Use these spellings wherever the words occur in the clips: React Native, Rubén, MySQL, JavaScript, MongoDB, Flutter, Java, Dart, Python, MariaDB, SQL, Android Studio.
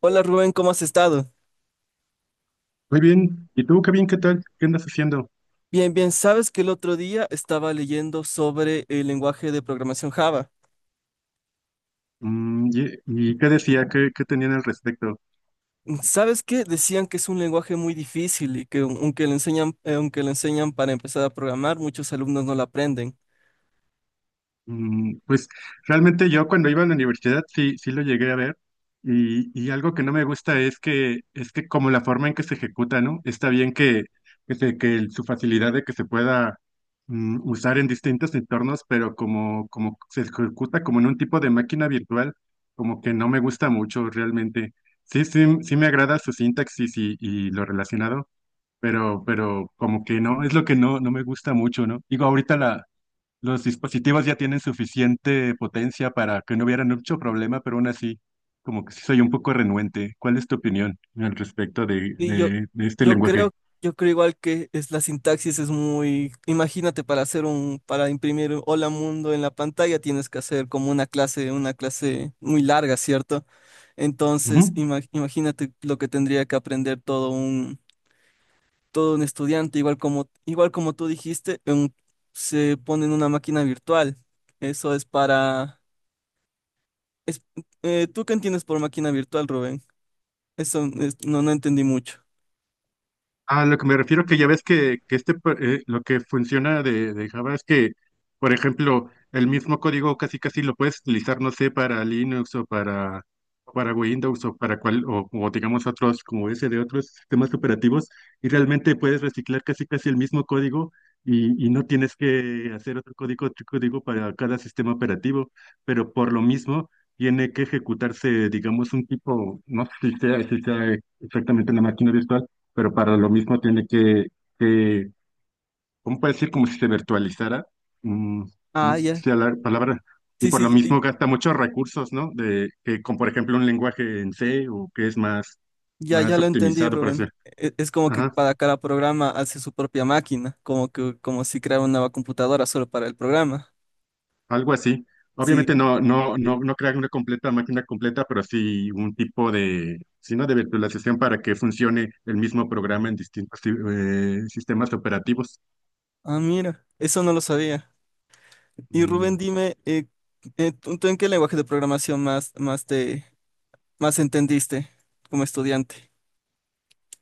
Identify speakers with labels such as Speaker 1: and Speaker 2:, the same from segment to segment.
Speaker 1: Hola Rubén, ¿cómo has estado?
Speaker 2: Muy bien. ¿Y tú, Kevin, qué tal? ¿Qué andas haciendo?
Speaker 1: Bien, bien, sabes que el otro día estaba leyendo sobre el lenguaje de programación Java.
Speaker 2: Y qué decía? ¿Qué tenían al respecto?
Speaker 1: ¿Sabes qué? Decían que es un lenguaje muy difícil y que aunque le enseñan para empezar a programar, muchos alumnos no lo aprenden.
Speaker 2: Pues realmente yo cuando iba a la universidad sí lo llegué a ver y algo que no me gusta es que como la forma en que se ejecuta, ¿no? Está bien que su facilidad de que se pueda usar en distintos entornos, pero como se ejecuta como en un tipo de máquina virtual, como que no me gusta mucho realmente. Sí, sí, sí me agrada su sintaxis y lo relacionado, pero como que no, es lo que no me gusta mucho, ¿no? Digo, los dispositivos ya tienen suficiente potencia para que no hubiera mucho problema, pero aún así, como que sí soy un poco renuente. ¿Cuál es tu opinión al respecto de,
Speaker 1: Y yo,
Speaker 2: de, de este
Speaker 1: yo creo,
Speaker 2: lenguaje?
Speaker 1: yo creo igual que es, la sintaxis es muy, imagínate, para hacer un, para imprimir un Hola Mundo en la pantalla tienes que hacer como una clase muy larga, ¿cierto? Entonces,
Speaker 2: Ujú.
Speaker 1: imagínate lo que tendría que aprender todo un estudiante, igual como tú dijiste, se pone en una máquina virtual. Eso es para... es- ¿tú qué entiendes por máquina virtual, Rubén? No, no entendí mucho.
Speaker 2: A lo que me refiero que ya ves que lo que funciona de Java es que, por ejemplo, el mismo código casi casi lo puedes utilizar, no sé, para Linux o para Windows o para o digamos otros, como ese de otros sistemas operativos, y realmente puedes reciclar casi casi el mismo código y no tienes que hacer otro código para cada sistema operativo, pero por lo mismo tiene que ejecutarse, digamos, un tipo, no sé si sea, si sea exactamente una máquina virtual, pero para lo mismo tiene que ¿cómo puede decir? Como si se virtualizara. mm, no
Speaker 1: Ah,
Speaker 2: sé
Speaker 1: ya.
Speaker 2: si la palabra, y
Speaker 1: Sí,
Speaker 2: por lo
Speaker 1: sí, ya,
Speaker 2: mismo gasta muchos recursos, ¿no? Por ejemplo, un lenguaje en C, o que es
Speaker 1: ya
Speaker 2: más
Speaker 1: ya lo entendí,
Speaker 2: optimizado para
Speaker 1: Rubén.
Speaker 2: hacer.
Speaker 1: Es, como que
Speaker 2: Ajá,
Speaker 1: para cada programa hace su propia máquina, como que, como si creara una nueva computadora solo para el programa.
Speaker 2: algo así.
Speaker 1: Sí.
Speaker 2: Obviamente no crear una completa máquina completa, pero sí un tipo de, sino de virtualización para que funcione el mismo programa en distintos sistemas operativos.
Speaker 1: Ah, mira, eso no lo sabía. Y Rubén,
Speaker 2: Mm.
Speaker 1: dime, ¿tú, tú en qué lenguaje de programación más, más te, más entendiste como estudiante?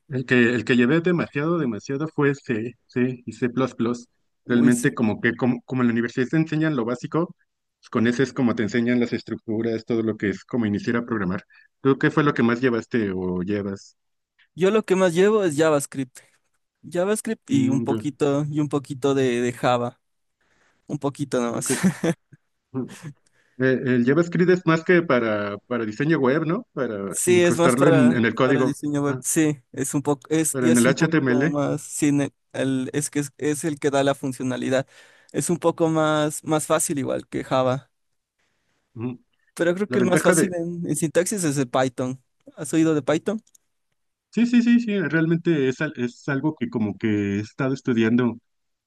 Speaker 2: El que llevé demasiado, demasiado fue C y C++.
Speaker 1: Uy, sí.
Speaker 2: Realmente como que como en la universidad te enseñan lo básico, pues con ese es como te enseñan las estructuras, todo lo que es como iniciar a programar. ¿Tú qué fue lo que más llevaste o llevas?
Speaker 1: Yo lo que más llevo es JavaScript. JavaScript
Speaker 2: Mm, ya,
Speaker 1: y un poquito de Java. Un poquito nomás.
Speaker 2: ok. Mm. El JavaScript es más que para diseño web, ¿no? Para
Speaker 1: Sí, es más
Speaker 2: incrustarlo en el
Speaker 1: para
Speaker 2: código.
Speaker 1: diseño web.
Speaker 2: Ah,
Speaker 1: Sí, es un poco, es,
Speaker 2: pero
Speaker 1: y
Speaker 2: en
Speaker 1: es
Speaker 2: el
Speaker 1: un poco como
Speaker 2: HTML.
Speaker 1: más, sí, el, es que es el que da la funcionalidad. Es un poco más, más fácil igual que Java.
Speaker 2: Ujú.
Speaker 1: Pero creo
Speaker 2: La
Speaker 1: que el más
Speaker 2: ventaja
Speaker 1: fácil
Speaker 2: de...
Speaker 1: en sintaxis es el Python. ¿Has oído de Python?
Speaker 2: Sí, sí, sí, sí, realmente es, al- es algo que como que he estado estudiando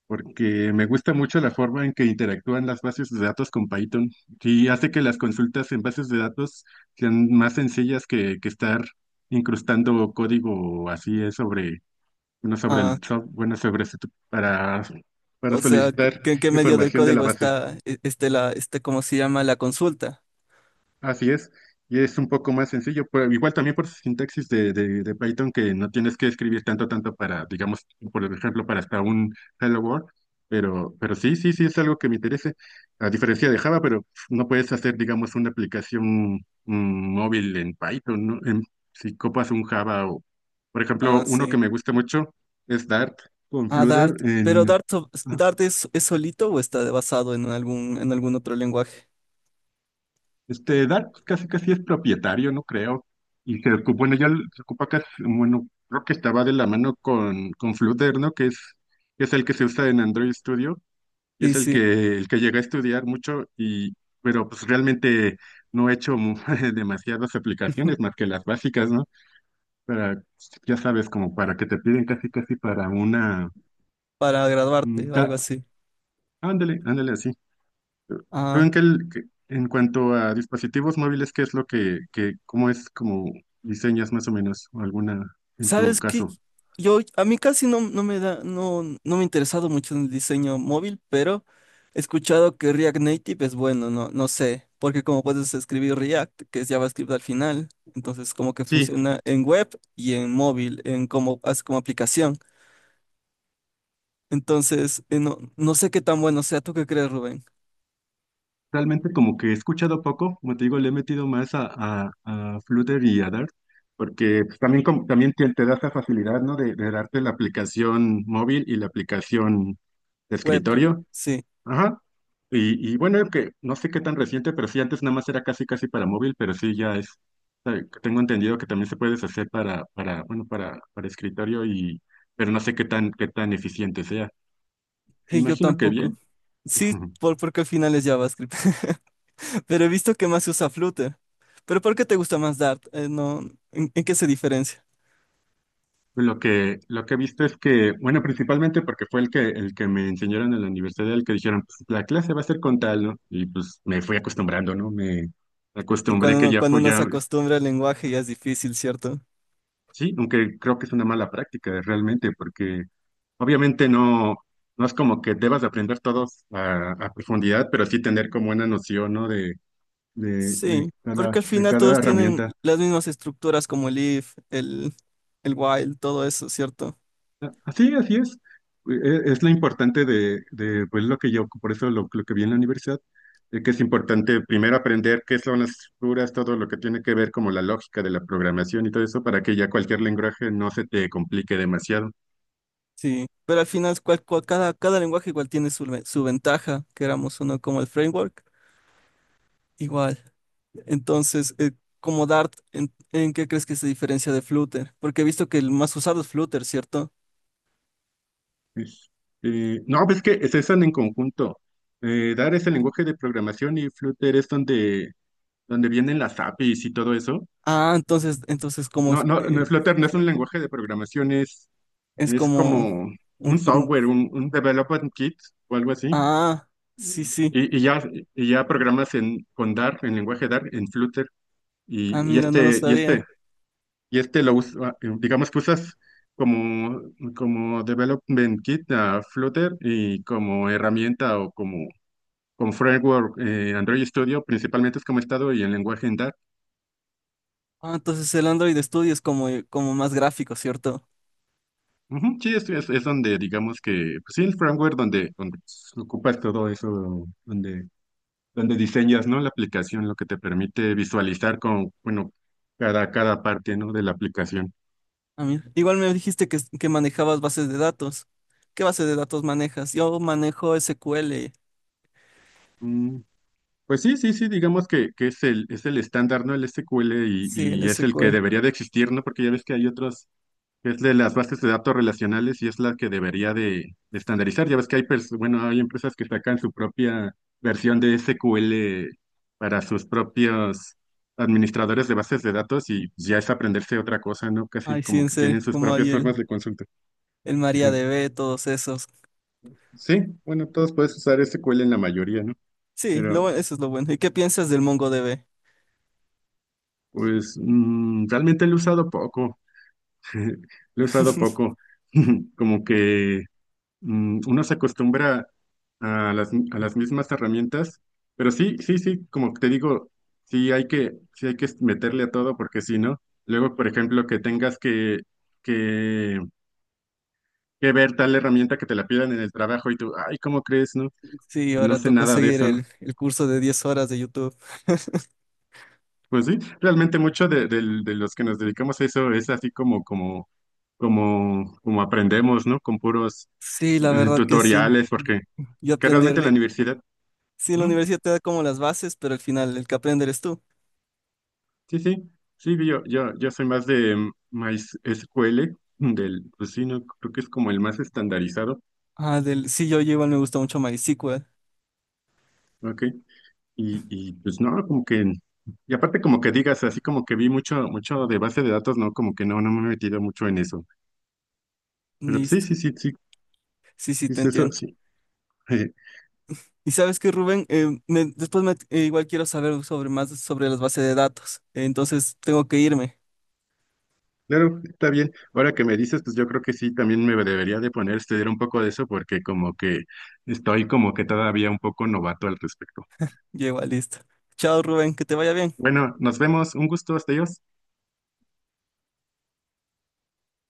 Speaker 2: porque me gusta mucho la forma en que interactúan las bases de datos con Python, y hace que las consultas en bases de datos sean más sencillas que estar incrustando código así es sobre, bueno, sobre
Speaker 1: Ah,
Speaker 2: el software, bueno, sobre, su- para, para
Speaker 1: o sea,
Speaker 2: solicitar
Speaker 1: ¿en qué, medio del
Speaker 2: información de la
Speaker 1: código
Speaker 2: base.
Speaker 1: está, este, la, este, cómo se llama, la consulta?
Speaker 2: Así es, y es un poco más sencillo, pero igual también por su sintaxis de Python, que no tienes que escribir tanto para, digamos, por ejemplo, para hasta un hello world. Pero sí, sí, sí es algo que me interese, a diferencia de Java, pero no puedes hacer, digamos, una aplicación móvil en Python, ¿no? En- si copas un Java o, por ejemplo,
Speaker 1: Ah,
Speaker 2: uno
Speaker 1: sí.
Speaker 2: que me gusta mucho es Dart con
Speaker 1: Ah, Dart.
Speaker 2: Flutter
Speaker 1: Pero
Speaker 2: en.
Speaker 1: Dart, Dart es, ¿es solito o está basado en algún otro lenguaje?
Speaker 2: Este, Dark pues, casi casi es propietario, no creo. Y se ocupa, bueno, ya l- se ocupa casi, bueno, creo que estaba de la mano con Flutter, ¿no? Que es el que se usa en Android Studio y
Speaker 1: Sí,
Speaker 2: es el
Speaker 1: sí,
Speaker 2: que llega a estudiar mucho y, pero pues realmente no he hecho mu- demasiadas aplicaciones más que las básicas, ¿no? Para, ya sabes, como para que te piden casi casi para una,
Speaker 1: para
Speaker 2: un
Speaker 1: graduarte, o algo
Speaker 2: ca-
Speaker 1: así.
Speaker 2: ándale, ándale así. Pero
Speaker 1: Ah.
Speaker 2: en, que el- que- en cuanto a dispositivos móviles, ¿qué es lo cómo es como diseñas más o menos alguna en tu
Speaker 1: ¿Sabes qué?
Speaker 2: caso?
Speaker 1: Yo, a mí casi no, no me da, no, no me ha interesado mucho en el diseño móvil, pero he escuchado que React Native es bueno, no, no sé, porque como puedes escribir React, que es JavaScript al final, entonces como que
Speaker 2: Sí,
Speaker 1: funciona en web y en móvil, en como, como aplicación. Entonces, no, no sé qué tan bueno sea. ¿Tú qué crees, Rubén?
Speaker 2: realmente como que he escuchado poco, como te digo, le he metido más a Flutter y a Dart, porque pues, también, como- también te da esa facilidad, ¿no? De darte la aplicación móvil y la aplicación de
Speaker 1: Web,
Speaker 2: escritorio.
Speaker 1: sí,
Speaker 2: Ajá. Y bueno, que no sé qué tan reciente, pero sí, antes nada más era casi casi para móvil, pero sí ya es, tengo entendido que también se puede hacer para escritorio y, pero no sé qué qué tan eficiente sea. Me
Speaker 1: sí, yo
Speaker 2: imagino que
Speaker 1: tampoco.
Speaker 2: bien.
Speaker 1: Sí, por, porque al final es JavaScript. Pero he visto que más se usa Flutter. ¿Pero por qué te gusta más Dart? No, en qué se diferencia?
Speaker 2: Lo que he visto es que, bueno, principalmente porque fue el que me enseñaron en la universidad, el que dijeron, pues la clase va a ser con tal, ¿no? Y pues me fui acostumbrando, ¿no? Me
Speaker 1: Y
Speaker 2: acostumbré que ya
Speaker 1: cuando
Speaker 2: fue,
Speaker 1: uno se
Speaker 2: ya.
Speaker 1: acostumbra al lenguaje ya es difícil, ¿cierto?
Speaker 2: Sí, aunque creo que es una mala práctica realmente, porque obviamente no es como que debas de aprender todos a profundidad, pero sí tener como una noción, ¿no?
Speaker 1: Sí, porque al
Speaker 2: De
Speaker 1: final
Speaker 2: cada
Speaker 1: todos tienen
Speaker 2: herramienta.
Speaker 1: las mismas estructuras como el if, el while, todo eso, ¿cierto?
Speaker 2: Así, así es. E- Es lo importante de pues, lo que yo, por eso lo que vi en la universidad, de que es importante primero aprender qué son las estructuras, todo lo que tiene que ver como la lógica de la programación y todo eso, para que ya cualquier lenguaje no se te complique demasiado.
Speaker 1: Sí, pero al final cada, cada lenguaje igual tiene su, su ventaja, queramos o no, como el framework, igual. Entonces, como Dart, en qué crees que se diferencia de Flutter? Porque he visto que el más usado es Flutter, ¿cierto?
Speaker 2: Este, no, pues que se usan en conjunto. Dart es el lenguaje de programación y Flutter es donde vienen las APIs y todo eso.
Speaker 1: Ah, entonces,
Speaker 2: No, Flutter
Speaker 1: sí,
Speaker 2: no es
Speaker 1: sí,
Speaker 2: un lenguaje de programación,
Speaker 1: es
Speaker 2: es
Speaker 1: como
Speaker 2: como un
Speaker 1: un,
Speaker 2: software, un development kit o algo así.
Speaker 1: ah, sí, sí.
Speaker 2: Y, y ya, y ya programas en, con Dart, en lenguaje Dart, en Flutter.
Speaker 1: Ah,
Speaker 2: Y, y
Speaker 1: mira, no lo
Speaker 2: este, y
Speaker 1: sabía.
Speaker 2: este, y este lo usa, digamos que usas como, como development kit a Flutter y como herramienta o como con Framework, Android Studio principalmente es como he estado y en lenguaje en Dart.
Speaker 1: Ah, entonces el Android Studio es como, como más gráfico, ¿cierto?
Speaker 2: Ujú, sí, es donde digamos que, pues sí, el framework donde ocupas todo eso, donde diseñas, ¿no? La aplicación, lo que te permite visualizar con, bueno, cada parte, ¿no? De la aplicación.
Speaker 1: Ah, mira. Igual me dijiste que manejabas bases de datos. ¿Qué base de datos manejas? Yo manejo SQL.
Speaker 2: Mm, pues sí, sí, sí, digamos que es el estándar, ¿no? El SQL,
Speaker 1: Sí, el
Speaker 2: y es el que
Speaker 1: SQL.
Speaker 2: debería de existir, ¿no? Porque ya ves que hay otros que es de las bases de datos relacionales y es la que debería de estandarizar. Ya ves que hay, pers- bueno, hay empresas que sacan su propia versión de SQL para sus propios administradores de bases de datos y ya es aprenderse otra cosa, ¿no? Casi
Speaker 1: Ay, sí,
Speaker 2: como
Speaker 1: en
Speaker 2: que tienen
Speaker 1: serio,
Speaker 2: sus
Speaker 1: como ahí
Speaker 2: propias formas de consulta.
Speaker 1: el
Speaker 2: Ujú.
Speaker 1: MariaDB, todos esos.
Speaker 2: Sí, bueno, todos puedes usar SQL en la mayoría, ¿no?
Speaker 1: Sí, lo,
Speaker 2: Pero
Speaker 1: eso es lo bueno. ¿Y qué piensas del MongoDB?
Speaker 2: pues realmente lo he usado poco. Lo he usado poco. Como que uno se acostumbra a las mismas herramientas, pero sí, sí, sí, como te digo, sí hay sí hay que meterle a todo porque si no, luego, por ejemplo, que tengas que, que ver tal herramienta que te la pidan en el trabajo y tú, ay, ¿cómo crees, no?
Speaker 1: Sí,
Speaker 2: No
Speaker 1: ahora
Speaker 2: sé
Speaker 1: tocó
Speaker 2: nada de
Speaker 1: seguir
Speaker 2: eso, ¿no?
Speaker 1: el curso de 10 horas de YouTube.
Speaker 2: Pues sí, realmente mucho de los que nos dedicamos a eso es así como, como, como, como aprendemos, ¿no? Con puros
Speaker 1: Sí, la verdad que sí.
Speaker 2: tutoriales, porque
Speaker 1: Yo
Speaker 2: que
Speaker 1: aprendí.
Speaker 2: realmente en la universidad.
Speaker 1: Sí, la
Speaker 2: Ujú.
Speaker 1: universidad te da como las bases, pero al final el que aprende eres tú.
Speaker 2: Sí, sí, sí, yo soy más de MySQL, del, pues sí, no, creo que es como el más estandarizado,
Speaker 1: Ah, del... sí, yo igual me gusta mucho MySQL.
Speaker 2: ¿ok? Y pues no, como que, y aparte como que digas, así como que vi mucho, mucho de base de datos, no, como que no me he metido mucho en eso, pero pues, sí, sí,
Speaker 1: Listo.
Speaker 2: sí, sí,
Speaker 1: Sí, sí, te
Speaker 2: es eso,
Speaker 1: entiendo.
Speaker 2: sí.
Speaker 1: Y sabes que, Rubén, después me... igual quiero saber sobre más sobre las bases de datos. Entonces tengo que irme.
Speaker 2: Claro, está bien. Ahora que me dices, pues yo creo que sí, también me debería de poner a estudiar un poco de eso porque como que estoy como que todavía un poco novato al respecto.
Speaker 1: Ya igual, listo. Chao, Rubén, que te vaya bien.
Speaker 2: Bueno, nos vemos, un gusto, hasta ellos.